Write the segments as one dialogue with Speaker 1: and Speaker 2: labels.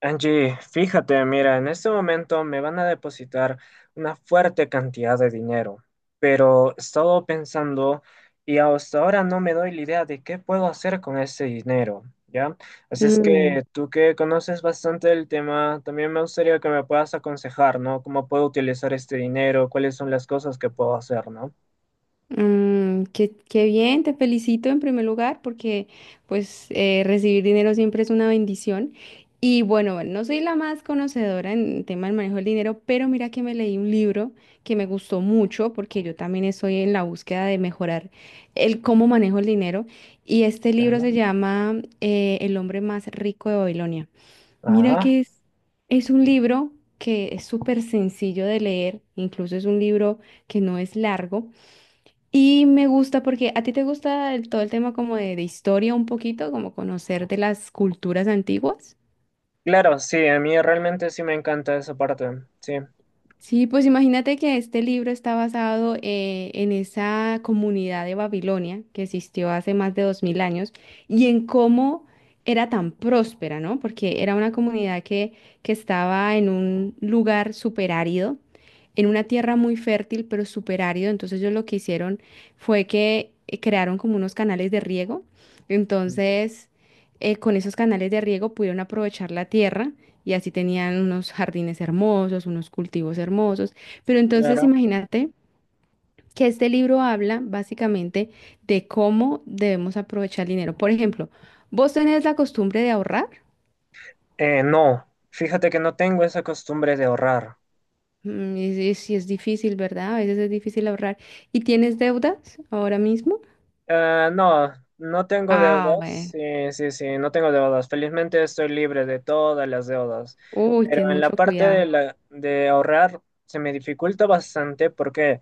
Speaker 1: Angie, fíjate, mira, en este momento me van a depositar una fuerte cantidad de dinero, pero he estado pensando y hasta ahora no me doy la idea de qué puedo hacer con ese dinero, ¿ya? Así es
Speaker 2: Mm,
Speaker 1: que tú que conoces bastante el tema, también me gustaría que me puedas aconsejar, ¿no? ¿Cómo puedo utilizar este dinero? ¿Cuáles son las cosas que puedo hacer, ¿no?
Speaker 2: qué bien, te felicito en primer lugar porque pues recibir dinero siempre es una bendición. Y bueno, no soy la más conocedora en el tema del manejo del dinero, pero mira que me leí un libro que me gustó mucho porque yo también estoy en la búsqueda de mejorar el cómo manejo el dinero. Y este libro
Speaker 1: Claro.
Speaker 2: se llama El hombre más rico de Babilonia. Mira
Speaker 1: Ah,
Speaker 2: que es, es un libro que es súper sencillo de leer, incluso es un libro que no es largo. Y me gusta porque a ti te gusta todo el tema como de historia un poquito, como conocer de las culturas antiguas.
Speaker 1: claro, sí, a mí realmente sí me encanta esa parte, sí.
Speaker 2: Sí, pues imagínate que este libro está basado en esa comunidad de Babilonia que existió hace más de 2000 años y en cómo era tan próspera, ¿no? Porque era una comunidad que estaba en un lugar súper árido, en una tierra muy fértil, pero súper árido. Entonces ellos lo que hicieron fue que crearon como unos canales de riego.
Speaker 1: Ujú.
Speaker 2: Entonces, con esos canales de riego pudieron aprovechar la tierra y así tenían unos jardines hermosos, unos cultivos hermosos. Pero entonces
Speaker 1: Claro.
Speaker 2: imagínate que este libro habla básicamente de cómo debemos aprovechar el dinero. Por ejemplo, ¿vos tenés la costumbre de ahorrar?
Speaker 1: No, fíjate que no tengo esa costumbre de ahorrar.
Speaker 2: Mm. Y si es, es difícil, ¿verdad? A veces es difícil ahorrar. ¿Y tienes deudas ahora mismo?
Speaker 1: No, no tengo
Speaker 2: Ah,
Speaker 1: deudas.
Speaker 2: bueno.
Speaker 1: Sí, sí, sí, no tengo deudas. Felizmente estoy libre de todas las deudas.
Speaker 2: Uy,
Speaker 1: Pero
Speaker 2: ten
Speaker 1: en la
Speaker 2: mucho
Speaker 1: parte
Speaker 2: cuidado.
Speaker 1: de ahorrar se me dificulta bastante. ¿Por qué?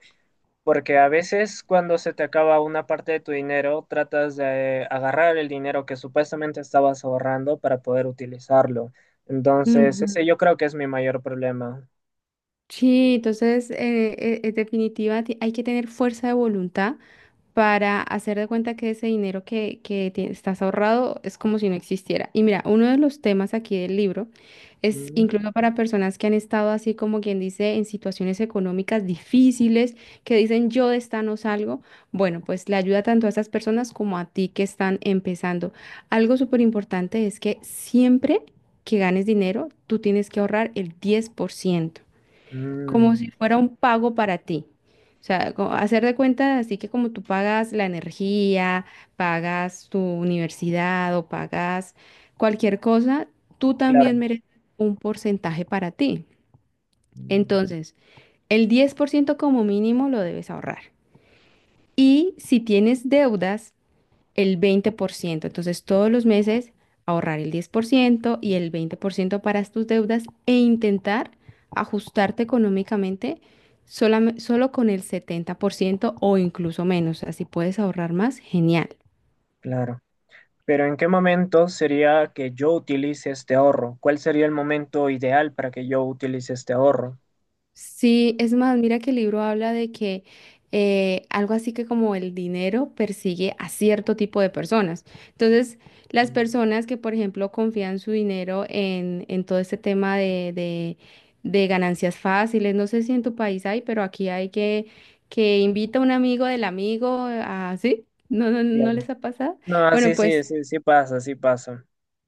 Speaker 1: Porque a veces cuando se te acaba una parte de tu dinero, tratas de agarrar el dinero que supuestamente estabas ahorrando para poder utilizarlo. Entonces, ese
Speaker 2: Ujú.
Speaker 1: yo creo que es mi mayor problema.
Speaker 2: Sí, entonces, en definitiva, hay que tener fuerza de voluntad para hacer de cuenta que ese dinero que estás ahorrado es como si no existiera. Y mira, uno de los temas aquí del libro es
Speaker 1: Mm,
Speaker 2: incluso para personas que han estado así como quien dice en situaciones económicas difíciles, que dicen yo de esta no salgo. Bueno, pues le ayuda tanto a esas personas como a ti que están empezando. Algo súper importante es que siempre que ganes dinero, tú tienes que ahorrar el 10% como
Speaker 1: mm,
Speaker 2: si fuera un pago para ti. O sea, hacer de cuenta así que como tú pagas la energía, pagas tu universidad o pagas cualquier cosa, tú
Speaker 1: claro.
Speaker 2: también mereces un porcentaje para ti.
Speaker 1: Mm.
Speaker 2: Entonces, el 10% como mínimo lo debes ahorrar. Y si tienes deudas, el 20%. Entonces, todos los meses ahorrar el 10% y el 20% para tus deudas e intentar ajustarte económicamente solo con el 70% o incluso menos. Así puedes ahorrar más, genial.
Speaker 1: Claro. Pero ¿en qué momento sería que yo utilice este ahorro? ¿Cuál sería el momento ideal para que yo utilice este ahorro?
Speaker 2: Sí, es más, mira que el libro habla de que algo así que como el dinero persigue a cierto tipo de personas. Entonces, las
Speaker 1: Mm.
Speaker 2: personas que, por ejemplo, confían su dinero en todo este tema de ganancias fáciles, no sé si en tu país hay, pero aquí hay que invita a un amigo del amigo, así, no
Speaker 1: Claro.
Speaker 2: les ha pasado?
Speaker 1: No, sí,
Speaker 2: Bueno,
Speaker 1: sí,
Speaker 2: pues
Speaker 1: sí, sí pasa, sí pasa.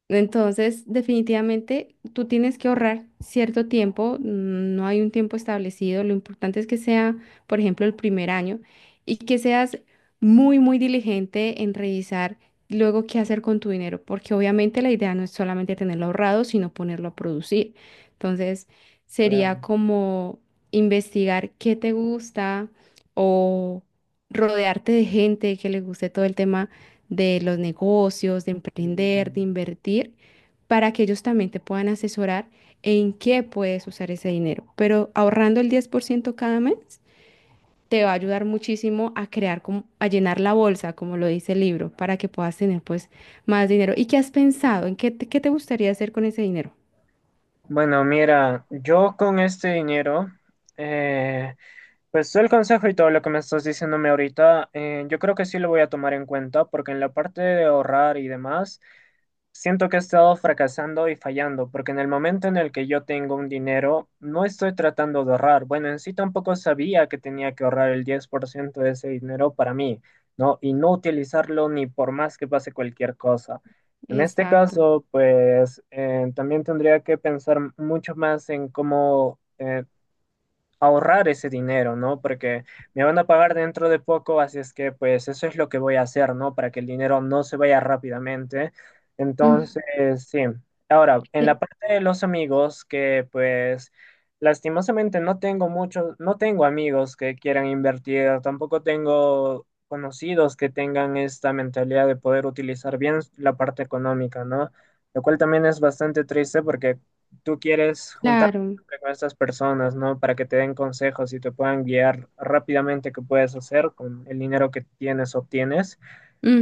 Speaker 2: entonces, definitivamente, tú tienes que ahorrar cierto tiempo, mm, no hay un tiempo establecido, lo importante es que sea, por ejemplo, el primer año y que seas muy, muy diligente en revisar luego qué hacer con tu dinero, porque obviamente la idea no es solamente tenerlo ahorrado, sino ponerlo a producir. Entonces,
Speaker 1: Claro.
Speaker 2: sería como investigar qué te gusta o rodearte de gente que le guste todo el tema de los negocios, de emprender, de
Speaker 1: Mm.
Speaker 2: invertir, para que ellos también te puedan asesorar en qué puedes usar ese dinero. Pero ahorrando el 10% cada mes te va a ayudar muchísimo a crear, como, a llenar la bolsa, como lo dice el libro, para que puedas tener pues más dinero. ¿Y qué has pensado? ¿En qué qué te gustaría hacer con ese dinero?
Speaker 1: Bueno, mira, yo con este dinero, eh, pues todo el consejo y todo lo que me estás diciéndome ahorita, yo creo que sí lo voy a tomar en cuenta porque en la parte de ahorrar y demás. Siento que he estado fracasando y fallando, porque en el momento en el que yo tengo un dinero, no estoy tratando de ahorrar. Bueno, en sí tampoco sabía que tenía que ahorrar el 10% de ese dinero para mí, ¿no? Y no utilizarlo ni por más que pase cualquier cosa. En este
Speaker 2: Exacto.
Speaker 1: caso, pues también tendría que pensar mucho más en cómo ahorrar ese dinero, ¿no? Porque me van a pagar dentro de poco, así es que pues eso es lo que voy a hacer, ¿no? Para que el dinero no se vaya rápidamente. Entonces,
Speaker 2: Mm.
Speaker 1: sí. Ahora, en la
Speaker 2: Eh.
Speaker 1: parte de los amigos, que pues lastimosamente no tengo muchos, no tengo amigos que quieran invertir, tampoco tengo conocidos que tengan esta mentalidad de poder utilizar bien la parte económica, ¿no? Lo cual también es bastante triste porque tú quieres juntar
Speaker 2: Claro.
Speaker 1: con estas personas, ¿no? Para que te den consejos y te puedan guiar rápidamente qué puedes hacer con el dinero que tienes o obtienes,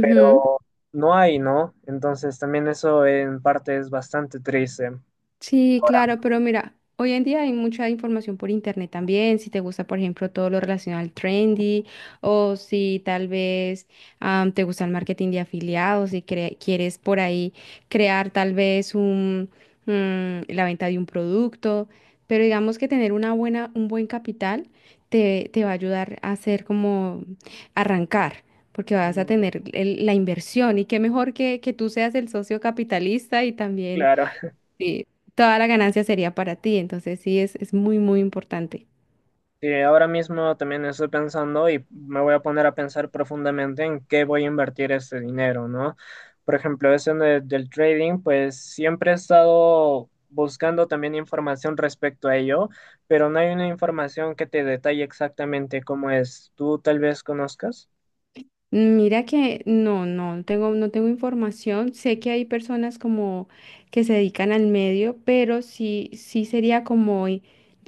Speaker 1: pero no hay, ¿no? Entonces también eso en parte es bastante triste.
Speaker 2: Sí, claro, pero mira, hoy en día hay mucha información por internet también, si te gusta, por ejemplo, todo lo relacionado al trendy o si tal vez te gusta el marketing de afiliados y quieres por ahí crear tal vez la venta de un producto, pero digamos que tener un buen capital te va a ayudar a hacer como arrancar. Porque vas a
Speaker 1: Mm.
Speaker 2: tener la inversión y qué mejor que tú seas el socio capitalista y también.
Speaker 1: Claro.
Speaker 2: Sí, toda la ganancia sería para ti, entonces sí, es muy, muy importante.
Speaker 1: Sí, ahora mismo también estoy pensando y me voy a poner a pensar profundamente en qué voy a invertir este dinero, ¿no? Por ejemplo, del trading, pues siempre he estado buscando también información respecto a ello, pero no hay una información que te detalle exactamente cómo es. ¿Tú tal vez conozcas?
Speaker 2: Mira que no tengo, no tengo información. Sé que hay personas como que se dedican al medio, pero sí, sí sería como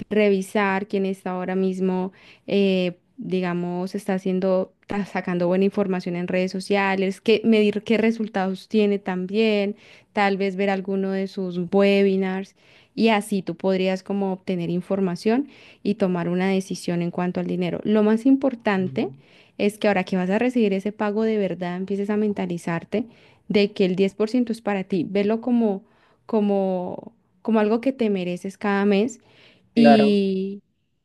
Speaker 2: revisar quién está ahora mismo, digamos, está sacando buena información en redes sociales, que medir qué resultados tiene también, tal vez ver alguno de sus webinars y así tú podrías como obtener información y tomar una decisión en cuanto al dinero. Lo más importante
Speaker 1: Mm.
Speaker 2: es que ahora que vas a recibir ese pago de verdad, empieces a mentalizarte de que el 10% es para ti. Velo como, como, como algo que te mereces cada mes
Speaker 1: Claro.
Speaker 2: y,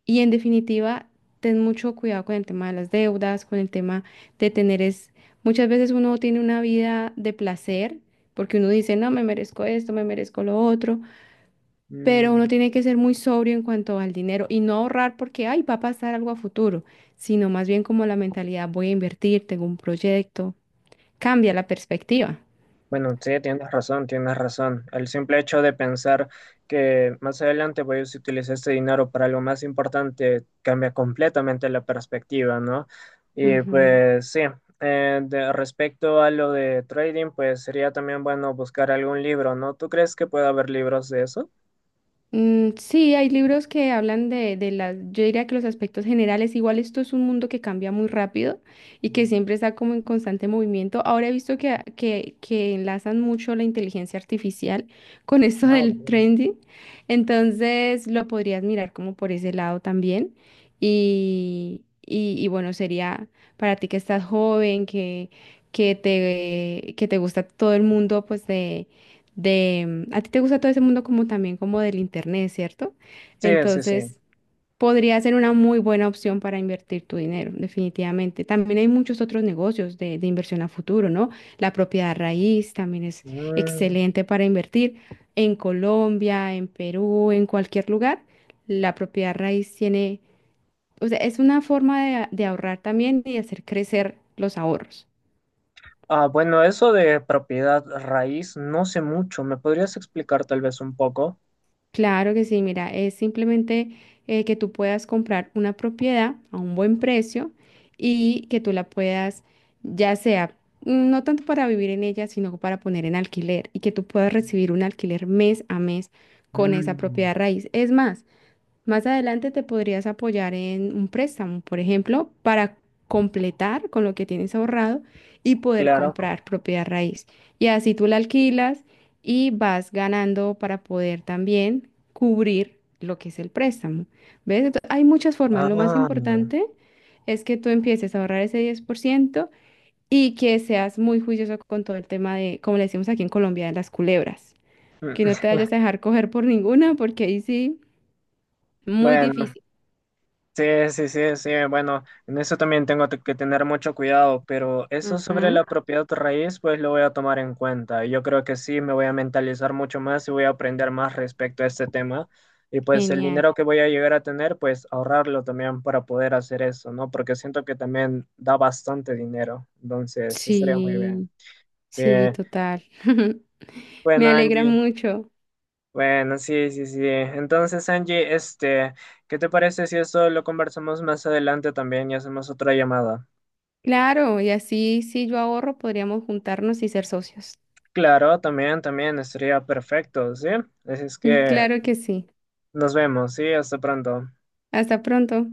Speaker 2: y en definitiva, ten mucho cuidado con el tema de las deudas, con el tema de muchas veces uno tiene una vida de placer porque uno dice, no, me merezco esto, me merezco lo otro, pero uno
Speaker 1: Mm.
Speaker 2: tiene que ser muy sobrio en cuanto al dinero y no ahorrar porque, ay, va a pasar algo a futuro, sino más bien como la mentalidad, voy a invertir, tengo un proyecto, cambia la perspectiva.
Speaker 1: Bueno, sí, tienes razón, tienes razón. El simple hecho de pensar que más adelante voy a utilizar este dinero para algo más importante cambia completamente la perspectiva, ¿no? Y
Speaker 2: Ujú.
Speaker 1: pues sí, respecto a lo de trading, pues sería también bueno buscar algún libro, ¿no? ¿Tú crees que puede haber libros de eso?
Speaker 2: Mm, sí, hay libros que hablan de las, yo diría que los aspectos generales, igual esto es un mundo que cambia muy rápido y que siempre está como en constante movimiento. Ahora he visto que enlazan mucho la inteligencia artificial con esto
Speaker 1: Ah,
Speaker 2: del
Speaker 1: bueno.
Speaker 2: trending, entonces lo podrías mirar como por ese lado también. Y bueno, sería para ti que estás joven, que te gusta todo el mundo, pues a ti te gusta todo ese mundo como también como del internet, ¿cierto?
Speaker 1: Sí, sí, sí.
Speaker 2: Entonces, podría ser una muy buena opción para invertir tu dinero, definitivamente. También hay muchos otros negocios de inversión a futuro, ¿no? La propiedad raíz también es
Speaker 1: Mm.
Speaker 2: excelente para invertir en Colombia, en Perú, en cualquier lugar. La propiedad raíz tiene, o sea, es una forma de ahorrar también y de hacer crecer los ahorros.
Speaker 1: Ah, bueno, eso de propiedad raíz, no sé mucho. ¿Me podrías explicar tal vez un poco?
Speaker 2: Claro que sí, mira, es simplemente que tú puedas comprar una propiedad a un buen precio y que tú la puedas, ya sea, mm, no tanto para vivir en ella, sino para poner en alquiler y que tú puedas recibir un alquiler mes a mes con esa
Speaker 1: Mm,
Speaker 2: propiedad raíz. Es más, más adelante te podrías apoyar en un préstamo, por ejemplo, para completar con lo que tienes ahorrado y poder
Speaker 1: claro.
Speaker 2: comprar propiedad raíz. Y así tú la alquilas y vas ganando para poder también cubrir lo que es el préstamo. ¿Ves? Entonces, hay muchas formas. Lo más
Speaker 1: Ah, mm,
Speaker 2: importante es que tú empieces a ahorrar ese 10% y que seas muy juicioso con todo el tema de, como le decimos aquí en Colombia, de las culebras. Que no te vayas a dejar coger por ninguna, porque ahí sí, muy
Speaker 1: bueno,
Speaker 2: difícil.
Speaker 1: sí, sí, sí, sí, bueno, en eso también que tener mucho cuidado, pero eso sobre
Speaker 2: Ujú.
Speaker 1: la propiedad raíz, pues lo voy a tomar en cuenta. Yo creo que sí, me voy a mentalizar mucho más y voy a aprender más respecto a este tema. Y pues el
Speaker 2: Genial.
Speaker 1: dinero que voy a llegar a tener, pues ahorrarlo también para poder hacer eso, ¿no? Porque siento que también da bastante dinero, entonces sí estaría muy bien.
Speaker 2: Sí,
Speaker 1: Sí,
Speaker 2: sí, total.
Speaker 1: bueno,
Speaker 2: Me alegra
Speaker 1: Angie.
Speaker 2: mucho.
Speaker 1: Bueno, sí, sí, sí. Entonces, Angie, este, ¿qué te parece si esto lo conversamos más adelante también y hacemos otra llamada?
Speaker 2: Claro, y así si yo ahorro, podríamos juntarnos y ser socios.
Speaker 1: Claro, también, también estaría perfecto, ¿sí? Así es que
Speaker 2: Claro que sí.
Speaker 1: nos vemos, sí, hasta pronto.
Speaker 2: Hasta pronto.